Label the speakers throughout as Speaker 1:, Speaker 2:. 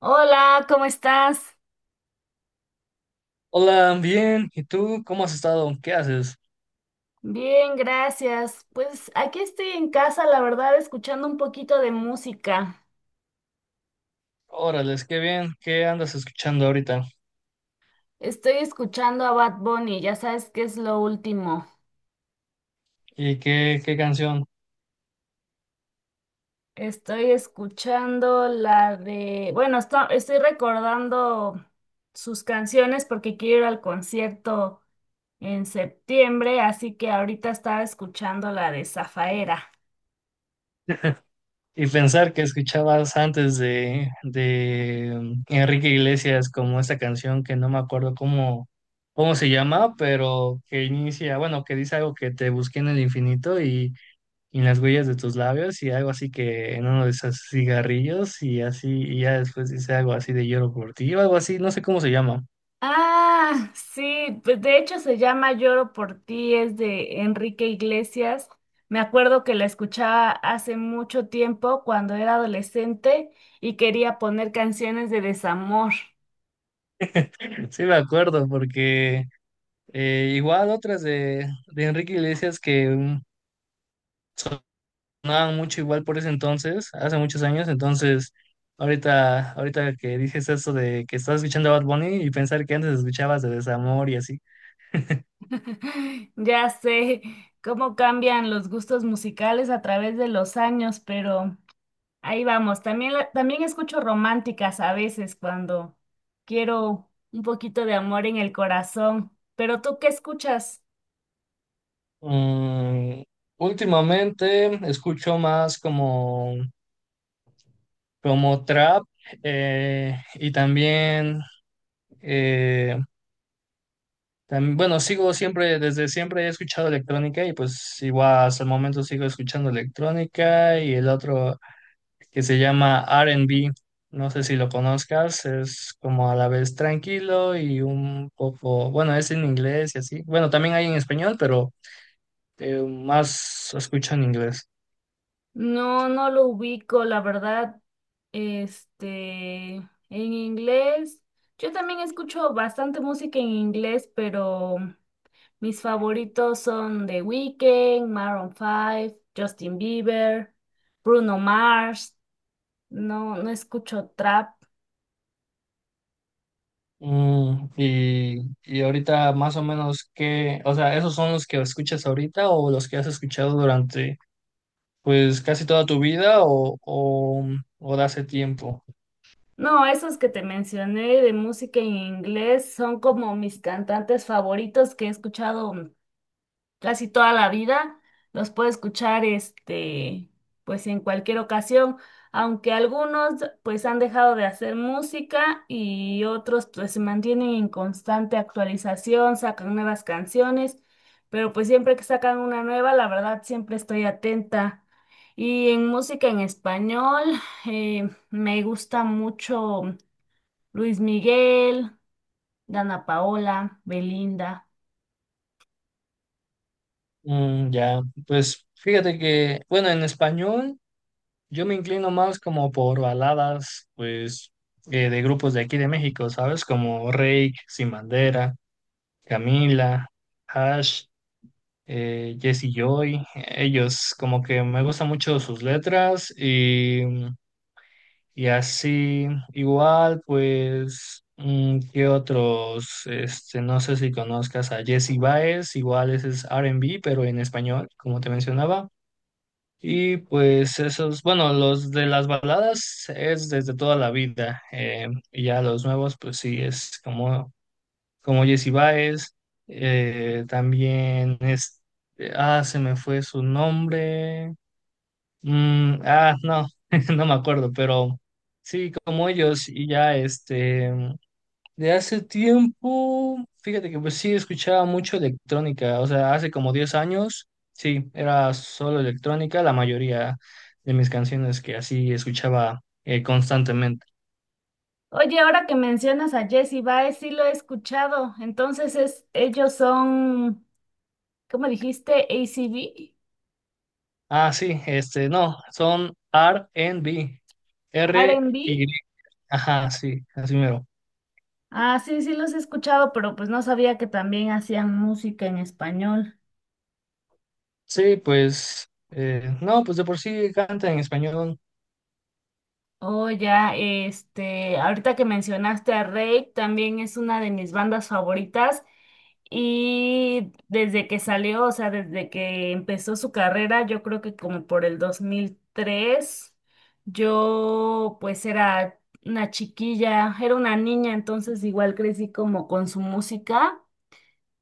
Speaker 1: Hola, ¿cómo estás?
Speaker 2: Hola, bien. ¿Y tú cómo has estado? ¿Qué haces?
Speaker 1: Bien, gracias. Pues aquí estoy en casa, la verdad, escuchando un poquito de música.
Speaker 2: Órales, qué bien. ¿Qué andas escuchando ahorita?
Speaker 1: Estoy escuchando a Bad Bunny, ya sabes qué es lo último.
Speaker 2: ¿Y qué canción?
Speaker 1: Estoy escuchando la de, bueno, estoy recordando sus canciones porque quiero ir al concierto en septiembre, así que ahorita estaba escuchando la de Zafaera.
Speaker 2: Y pensar que escuchabas antes de Enrique Iglesias como esta canción que no me acuerdo cómo se llama, pero que inicia, bueno, que dice algo que te busqué en el infinito y en las huellas de tus labios y algo así que en uno de esos cigarrillos y así, y ya después dice algo así de lloro por ti o algo así, no sé cómo se llama.
Speaker 1: Ah, sí, pues de hecho se llama Lloro por ti, es de Enrique Iglesias. Me acuerdo que la escuchaba hace mucho tiempo cuando era adolescente y quería poner canciones de desamor.
Speaker 2: Sí, me acuerdo, porque igual otras de Enrique Iglesias que sonaban mucho igual por ese entonces, hace muchos años, entonces ahorita que dices eso de que estás escuchando a Bad Bunny y pensar que antes escuchabas de Desamor y así.
Speaker 1: Ya sé cómo cambian los gustos musicales a través de los años, pero ahí vamos. También, también escucho románticas a veces cuando quiero un poquito de amor en el corazón. Pero ¿tú qué escuchas?
Speaker 2: Mm, últimamente escucho más como trap, y también... eh, bueno, sigo siempre, desde siempre he escuchado electrónica y pues igual hasta el momento sigo escuchando electrónica y el otro que se llama R&B, no sé si lo conozcas, es como a la vez tranquilo y un poco, bueno, es en inglés y así. Bueno, también hay en español, pero más escucho en inglés.
Speaker 1: No, no lo ubico, la verdad. Este, en inglés, yo también escucho bastante música en inglés, pero mis favoritos son The Weeknd, Maroon 5, Justin Bieber, Bruno Mars. No, no escucho trap.
Speaker 2: Y ahorita más o menos que, o sea, ¿esos son los que escuchas ahorita o los que has escuchado durante pues casi toda tu vida, o, de hace tiempo?
Speaker 1: No, esos que te mencioné de música en inglés son como mis cantantes favoritos que he escuchado casi toda la vida, los puedo escuchar este, pues en cualquier ocasión, aunque algunos pues han dejado de hacer música y otros pues se mantienen en constante actualización, sacan nuevas canciones, pero pues siempre que sacan una nueva, la verdad siempre estoy atenta. Y en música en español, me gusta mucho Luis Miguel, Dana Paola, Belinda.
Speaker 2: Ya, pues fíjate que, bueno, en español yo me inclino más como por baladas, pues, de grupos de aquí de México, ¿sabes? Como Reik, Sin Bandera, Camila, Hash, Jesse Joy. Ellos, como que me gustan mucho sus letras y así. Igual, pues, ¿qué otros? Este, no sé si conozcas a Jesse Baez, igual ese es R&B, pero en español, como te mencionaba. Y pues esos, bueno, los de las baladas es desde toda la vida. Y ya los nuevos, pues sí, es como Jesse Baez. También es, ah, se me fue su nombre. Ah, no, no me acuerdo, pero sí, como ellos, y ya este, de hace tiempo, fíjate que pues sí escuchaba mucho electrónica, o sea, hace como 10 años, sí, era solo electrónica, la mayoría de mis canciones que así escuchaba constantemente.
Speaker 1: Oye, ahora que mencionas a Jessie Baez, sí lo he escuchado. Entonces es, ellos son, ¿cómo dijiste? ACB,
Speaker 2: Ah, sí, este, no, son R&B, R-Y,
Speaker 1: R&B.
Speaker 2: ajá, sí, así mero.
Speaker 1: Ah, sí, sí los he escuchado, pero pues no sabía que también hacían música en español.
Speaker 2: Sí, pues, no, pues de por sí canta en español.
Speaker 1: Oh, ya, este, ahorita que mencionaste a Rake, también es una de mis bandas favoritas y desde que salió, o sea, desde que empezó su carrera, yo creo que como por el 2003, yo pues era una chiquilla, era una niña, entonces igual crecí como con su música.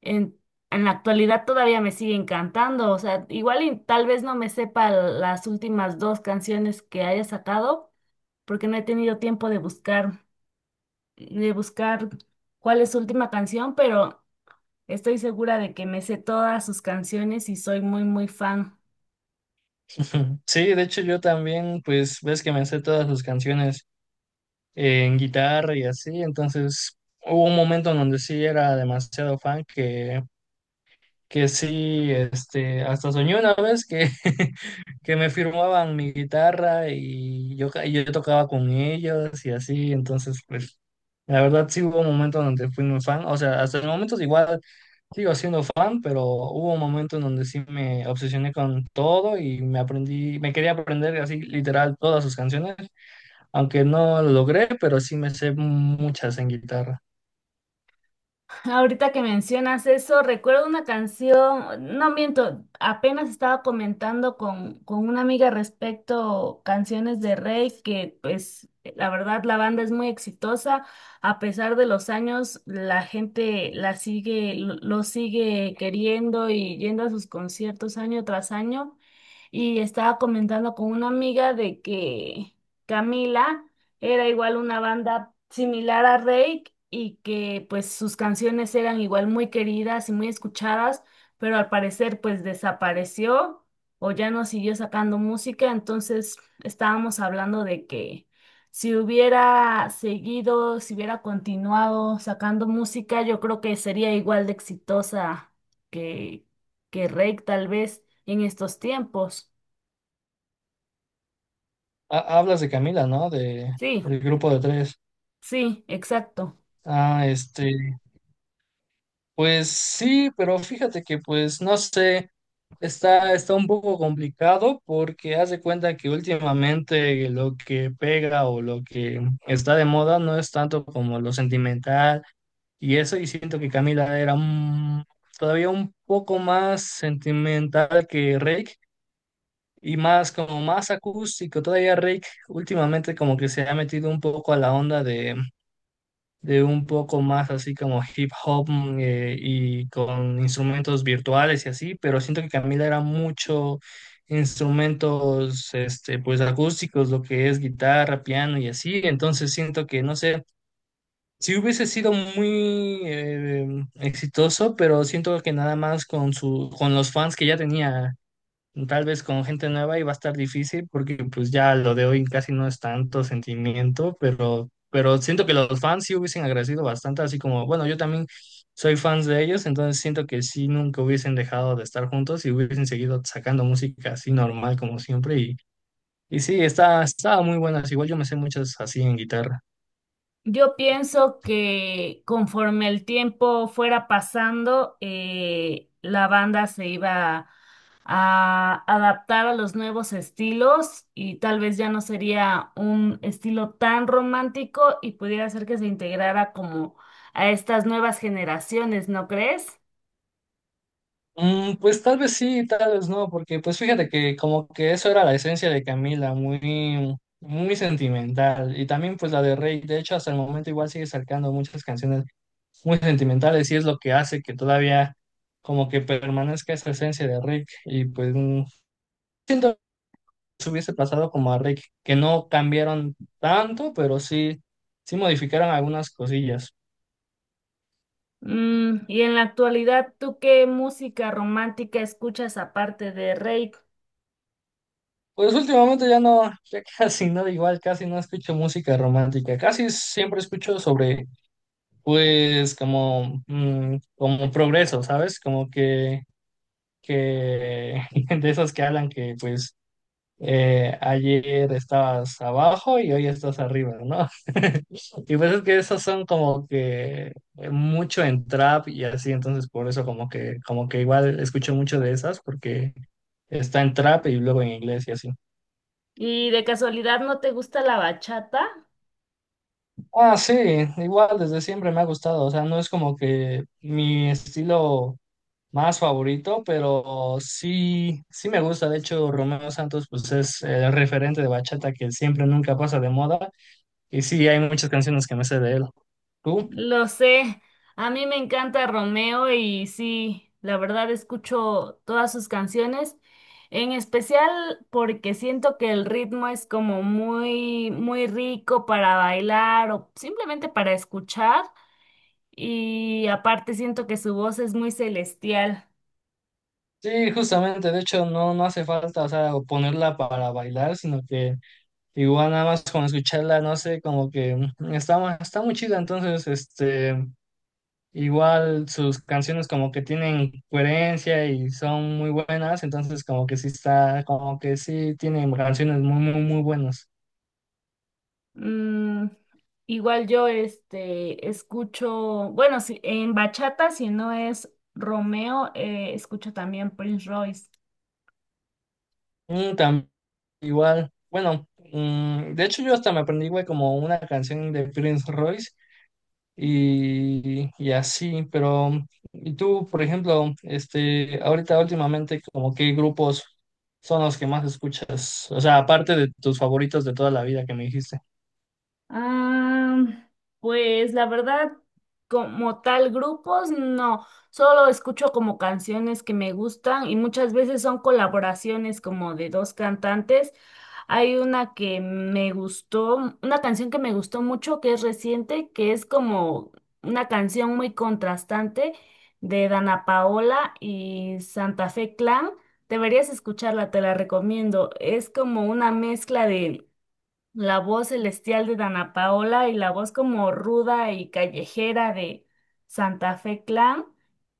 Speaker 1: En, en la actualidad todavía me sigue encantando, o sea, igual y tal vez no me sepa las últimas dos canciones que haya sacado porque no he tenido tiempo de buscar, de buscar cuál es su última canción, pero estoy segura de que me sé todas sus canciones y soy muy, muy fan.
Speaker 2: Ujú. Sí, de hecho yo también, pues ves que me sé todas sus canciones en guitarra y así, entonces hubo un momento en donde sí era demasiado fan que sí, este, hasta soñé una vez que, que me firmaban mi guitarra y yo, y yo tocaba con ellos y así, entonces pues la verdad sí hubo un momento donde fui muy fan, o sea, hasta el momento igual sigo siendo fan, pero hubo un momento en donde sí me obsesioné con todo y me aprendí, me quería aprender así literal todas sus canciones, aunque no lo logré, pero sí me sé muchas en guitarra.
Speaker 1: Ahorita que mencionas eso, recuerdo una canción, no miento, apenas estaba comentando con una amiga respecto canciones de Rey, que pues la verdad la banda es muy exitosa, a pesar de los años la gente la sigue, lo sigue queriendo y yendo a sus conciertos año tras año. Y estaba comentando con una amiga de que Camila era igual una banda similar a Rake y que pues sus canciones eran igual muy queridas y muy escuchadas, pero al parecer pues desapareció o ya no siguió sacando música, entonces estábamos hablando de que si hubiera seguido, si hubiera continuado sacando música, yo creo que sería igual de exitosa que Rake tal vez en estos tiempos.
Speaker 2: Hablas de Camila, ¿no? De
Speaker 1: Sí,
Speaker 2: el grupo de tres.
Speaker 1: sí, exacto.
Speaker 2: Ah, este, pues sí, pero fíjate que pues no sé, está un poco complicado porque haz de cuenta que últimamente lo que pega o lo que está de moda no es tanto como lo sentimental y eso, y siento que Camila era todavía un poco más sentimental que Rake y más como más acústico, todavía Rake últimamente como que se ha metido un poco a la onda de un poco más así como hip hop, y con instrumentos virtuales y así, pero siento que Camila era mucho instrumentos, este, pues acústicos, lo que es guitarra, piano y así, entonces siento que no sé, si hubiese sido muy exitoso, pero siento que nada más con los fans que ya tenía. Tal vez con gente nueva y va a estar difícil porque pues ya lo de hoy casi no es tanto sentimiento, pero siento que los fans sí hubiesen agradecido bastante, así como, bueno, yo también soy fans de ellos, entonces siento que sí nunca hubiesen dejado de estar juntos y hubiesen seguido sacando música así normal como siempre y sí, estaba muy buenas, igual yo me sé muchas así en guitarra.
Speaker 1: Yo pienso que conforme el tiempo fuera pasando, la banda se iba a adaptar a los nuevos estilos y tal vez ya no sería un estilo tan romántico y pudiera ser que se integrara como a estas nuevas generaciones, ¿no crees?
Speaker 2: Pues tal vez sí, tal vez no, porque pues fíjate que como que eso era la esencia de Camila, muy, muy sentimental. Y también pues la de Rey, de hecho hasta el momento igual sigue sacando muchas canciones muy sentimentales y es lo que hace que todavía como que permanezca esa esencia de Rick. Y pues siento que se hubiese pasado como a Rick, que no cambiaron tanto, pero sí, sí modificaron algunas cosillas.
Speaker 1: Y en la actualidad, ¿tú qué música romántica escuchas aparte de rey?
Speaker 2: Pues últimamente ya no, ya casi no, igual casi no escucho música romántica, casi siempre escucho sobre, pues, como, como progreso, ¿sabes? Como que de esos que hablan que, pues, ayer estabas abajo y hoy estás arriba, ¿no? Y pues es que esos son como que mucho en trap y así, entonces por eso como que igual escucho mucho de esas porque está en trap y luego en inglés y así.
Speaker 1: ¿Y de casualidad no te gusta la bachata?
Speaker 2: Ah, sí, igual desde siempre me ha gustado, o sea, no es como que mi estilo más favorito, pero sí, sí me gusta, de hecho, Romeo Santos pues es el referente de bachata que siempre nunca pasa de moda y sí, hay muchas canciones que me sé de él. ¿Tú?
Speaker 1: Lo sé, a mí me encanta Romeo y sí, la verdad escucho todas sus canciones, en especial porque siento que el ritmo es como muy, muy rico para bailar o simplemente para escuchar y aparte siento que su voz es muy celestial.
Speaker 2: Sí, justamente, de hecho, no, no hace falta, o sea, ponerla para bailar, sino que igual nada más con escucharla, no sé, como que está muy chida, entonces, este... Igual sus canciones como que tienen coherencia y son muy buenas, entonces como que sí está, como que sí tienen canciones muy, muy, muy buenas.
Speaker 1: Mm, Igual yo este escucho, bueno, si, en bachata si no es Romeo, escucho también Prince Royce.
Speaker 2: Mm, tam- Igual, bueno, de hecho yo hasta me aprendí, güey, como una canción de Prince Royce y así, pero, y tú, por ejemplo, este, ahorita últimamente, como qué grupos son los que más escuchas, o sea, aparte de tus favoritos de toda la vida que me dijiste.
Speaker 1: Ah, pues la verdad, como tal, grupos no, solo escucho como canciones que me gustan y muchas veces son colaboraciones como de dos cantantes. Hay una que me gustó, una canción que me gustó mucho que es reciente, que es como una canción muy contrastante de Dana Paola y Santa Fe Clan. Deberías escucharla, te la recomiendo. Es como una mezcla de la voz celestial de Dana Paola y la voz como ruda y callejera de Santa Fe Clan.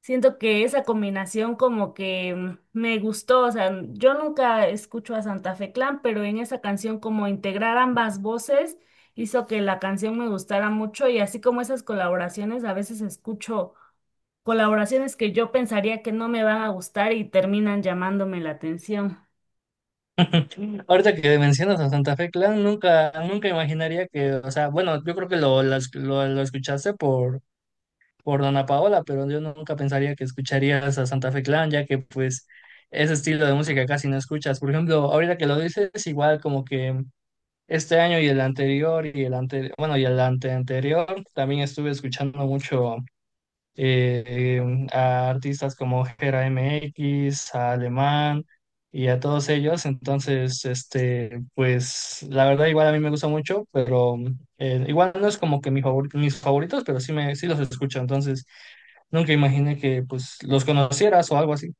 Speaker 1: Siento que esa combinación como que me gustó, o sea, yo nunca escucho a Santa Fe Clan, pero en esa canción como integrar ambas voces hizo que la canción me gustara mucho y así como esas colaboraciones, a veces escucho colaboraciones que yo pensaría que no me van a gustar y terminan llamándome la atención.
Speaker 2: Ahorita que mencionas a Santa Fe Clan, nunca, nunca imaginaría que, o sea, bueno, yo creo que lo escuchaste por Dana Paola, pero yo nunca pensaría que escucharías a Santa Fe Clan, ya que pues ese estilo de música casi no escuchas. Por ejemplo, ahorita que lo dices, igual como que este año y el anterior, bueno, y el anteanterior, también estuve escuchando mucho a artistas como Gera MX, a Alemán y a todos ellos. Entonces, este, pues la verdad igual a mí me gusta mucho, pero igual no es como que mi mis favoritos, pero sí, sí los escucho. Entonces, nunca imaginé que pues los conocieras o algo así.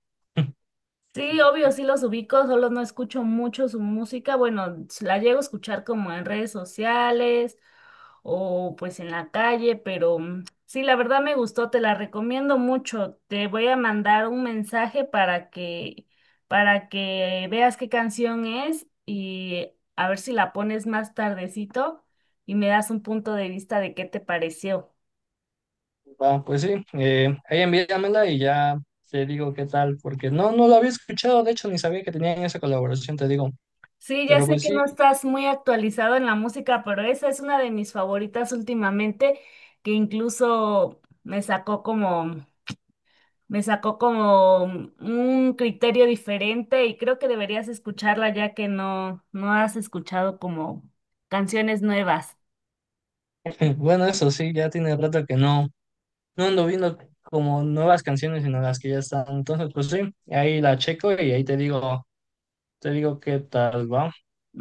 Speaker 1: Sí, obvio, sí los ubico, solo no escucho mucho su música. Bueno, la llego a escuchar como en redes sociales o pues en la calle, pero mm, sí, la verdad me gustó, te la recomiendo mucho. Te voy a mandar un mensaje para que veas qué canción es y a ver si la pones más tardecito y me das un punto de vista de qué te pareció.
Speaker 2: Va, pues sí, ahí envíamela y ya te digo qué tal, porque no, no lo había escuchado, de hecho, ni sabía que tenían esa colaboración, te digo.
Speaker 1: Sí, ya
Speaker 2: Pero
Speaker 1: sé
Speaker 2: pues
Speaker 1: que
Speaker 2: sí,
Speaker 1: no estás muy actualizado en la música, pero esa es una de mis favoritas últimamente, que incluso me sacó como un criterio diferente y creo que deberías escucharla ya que no, no has escuchado como canciones nuevas.
Speaker 2: bueno, eso sí, ya tiene rato que no. No ando viendo como nuevas canciones, sino las que ya están. Entonces, pues sí, ahí la checo y ahí te digo, qué tal va.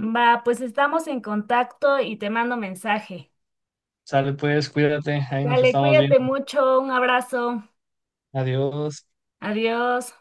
Speaker 1: Va, pues estamos en contacto y te mando mensaje.
Speaker 2: Sale pues, cuídate, ahí nos
Speaker 1: Dale,
Speaker 2: estamos
Speaker 1: cuídate
Speaker 2: viendo.
Speaker 1: mucho, un abrazo,
Speaker 2: Adiós.
Speaker 1: adiós.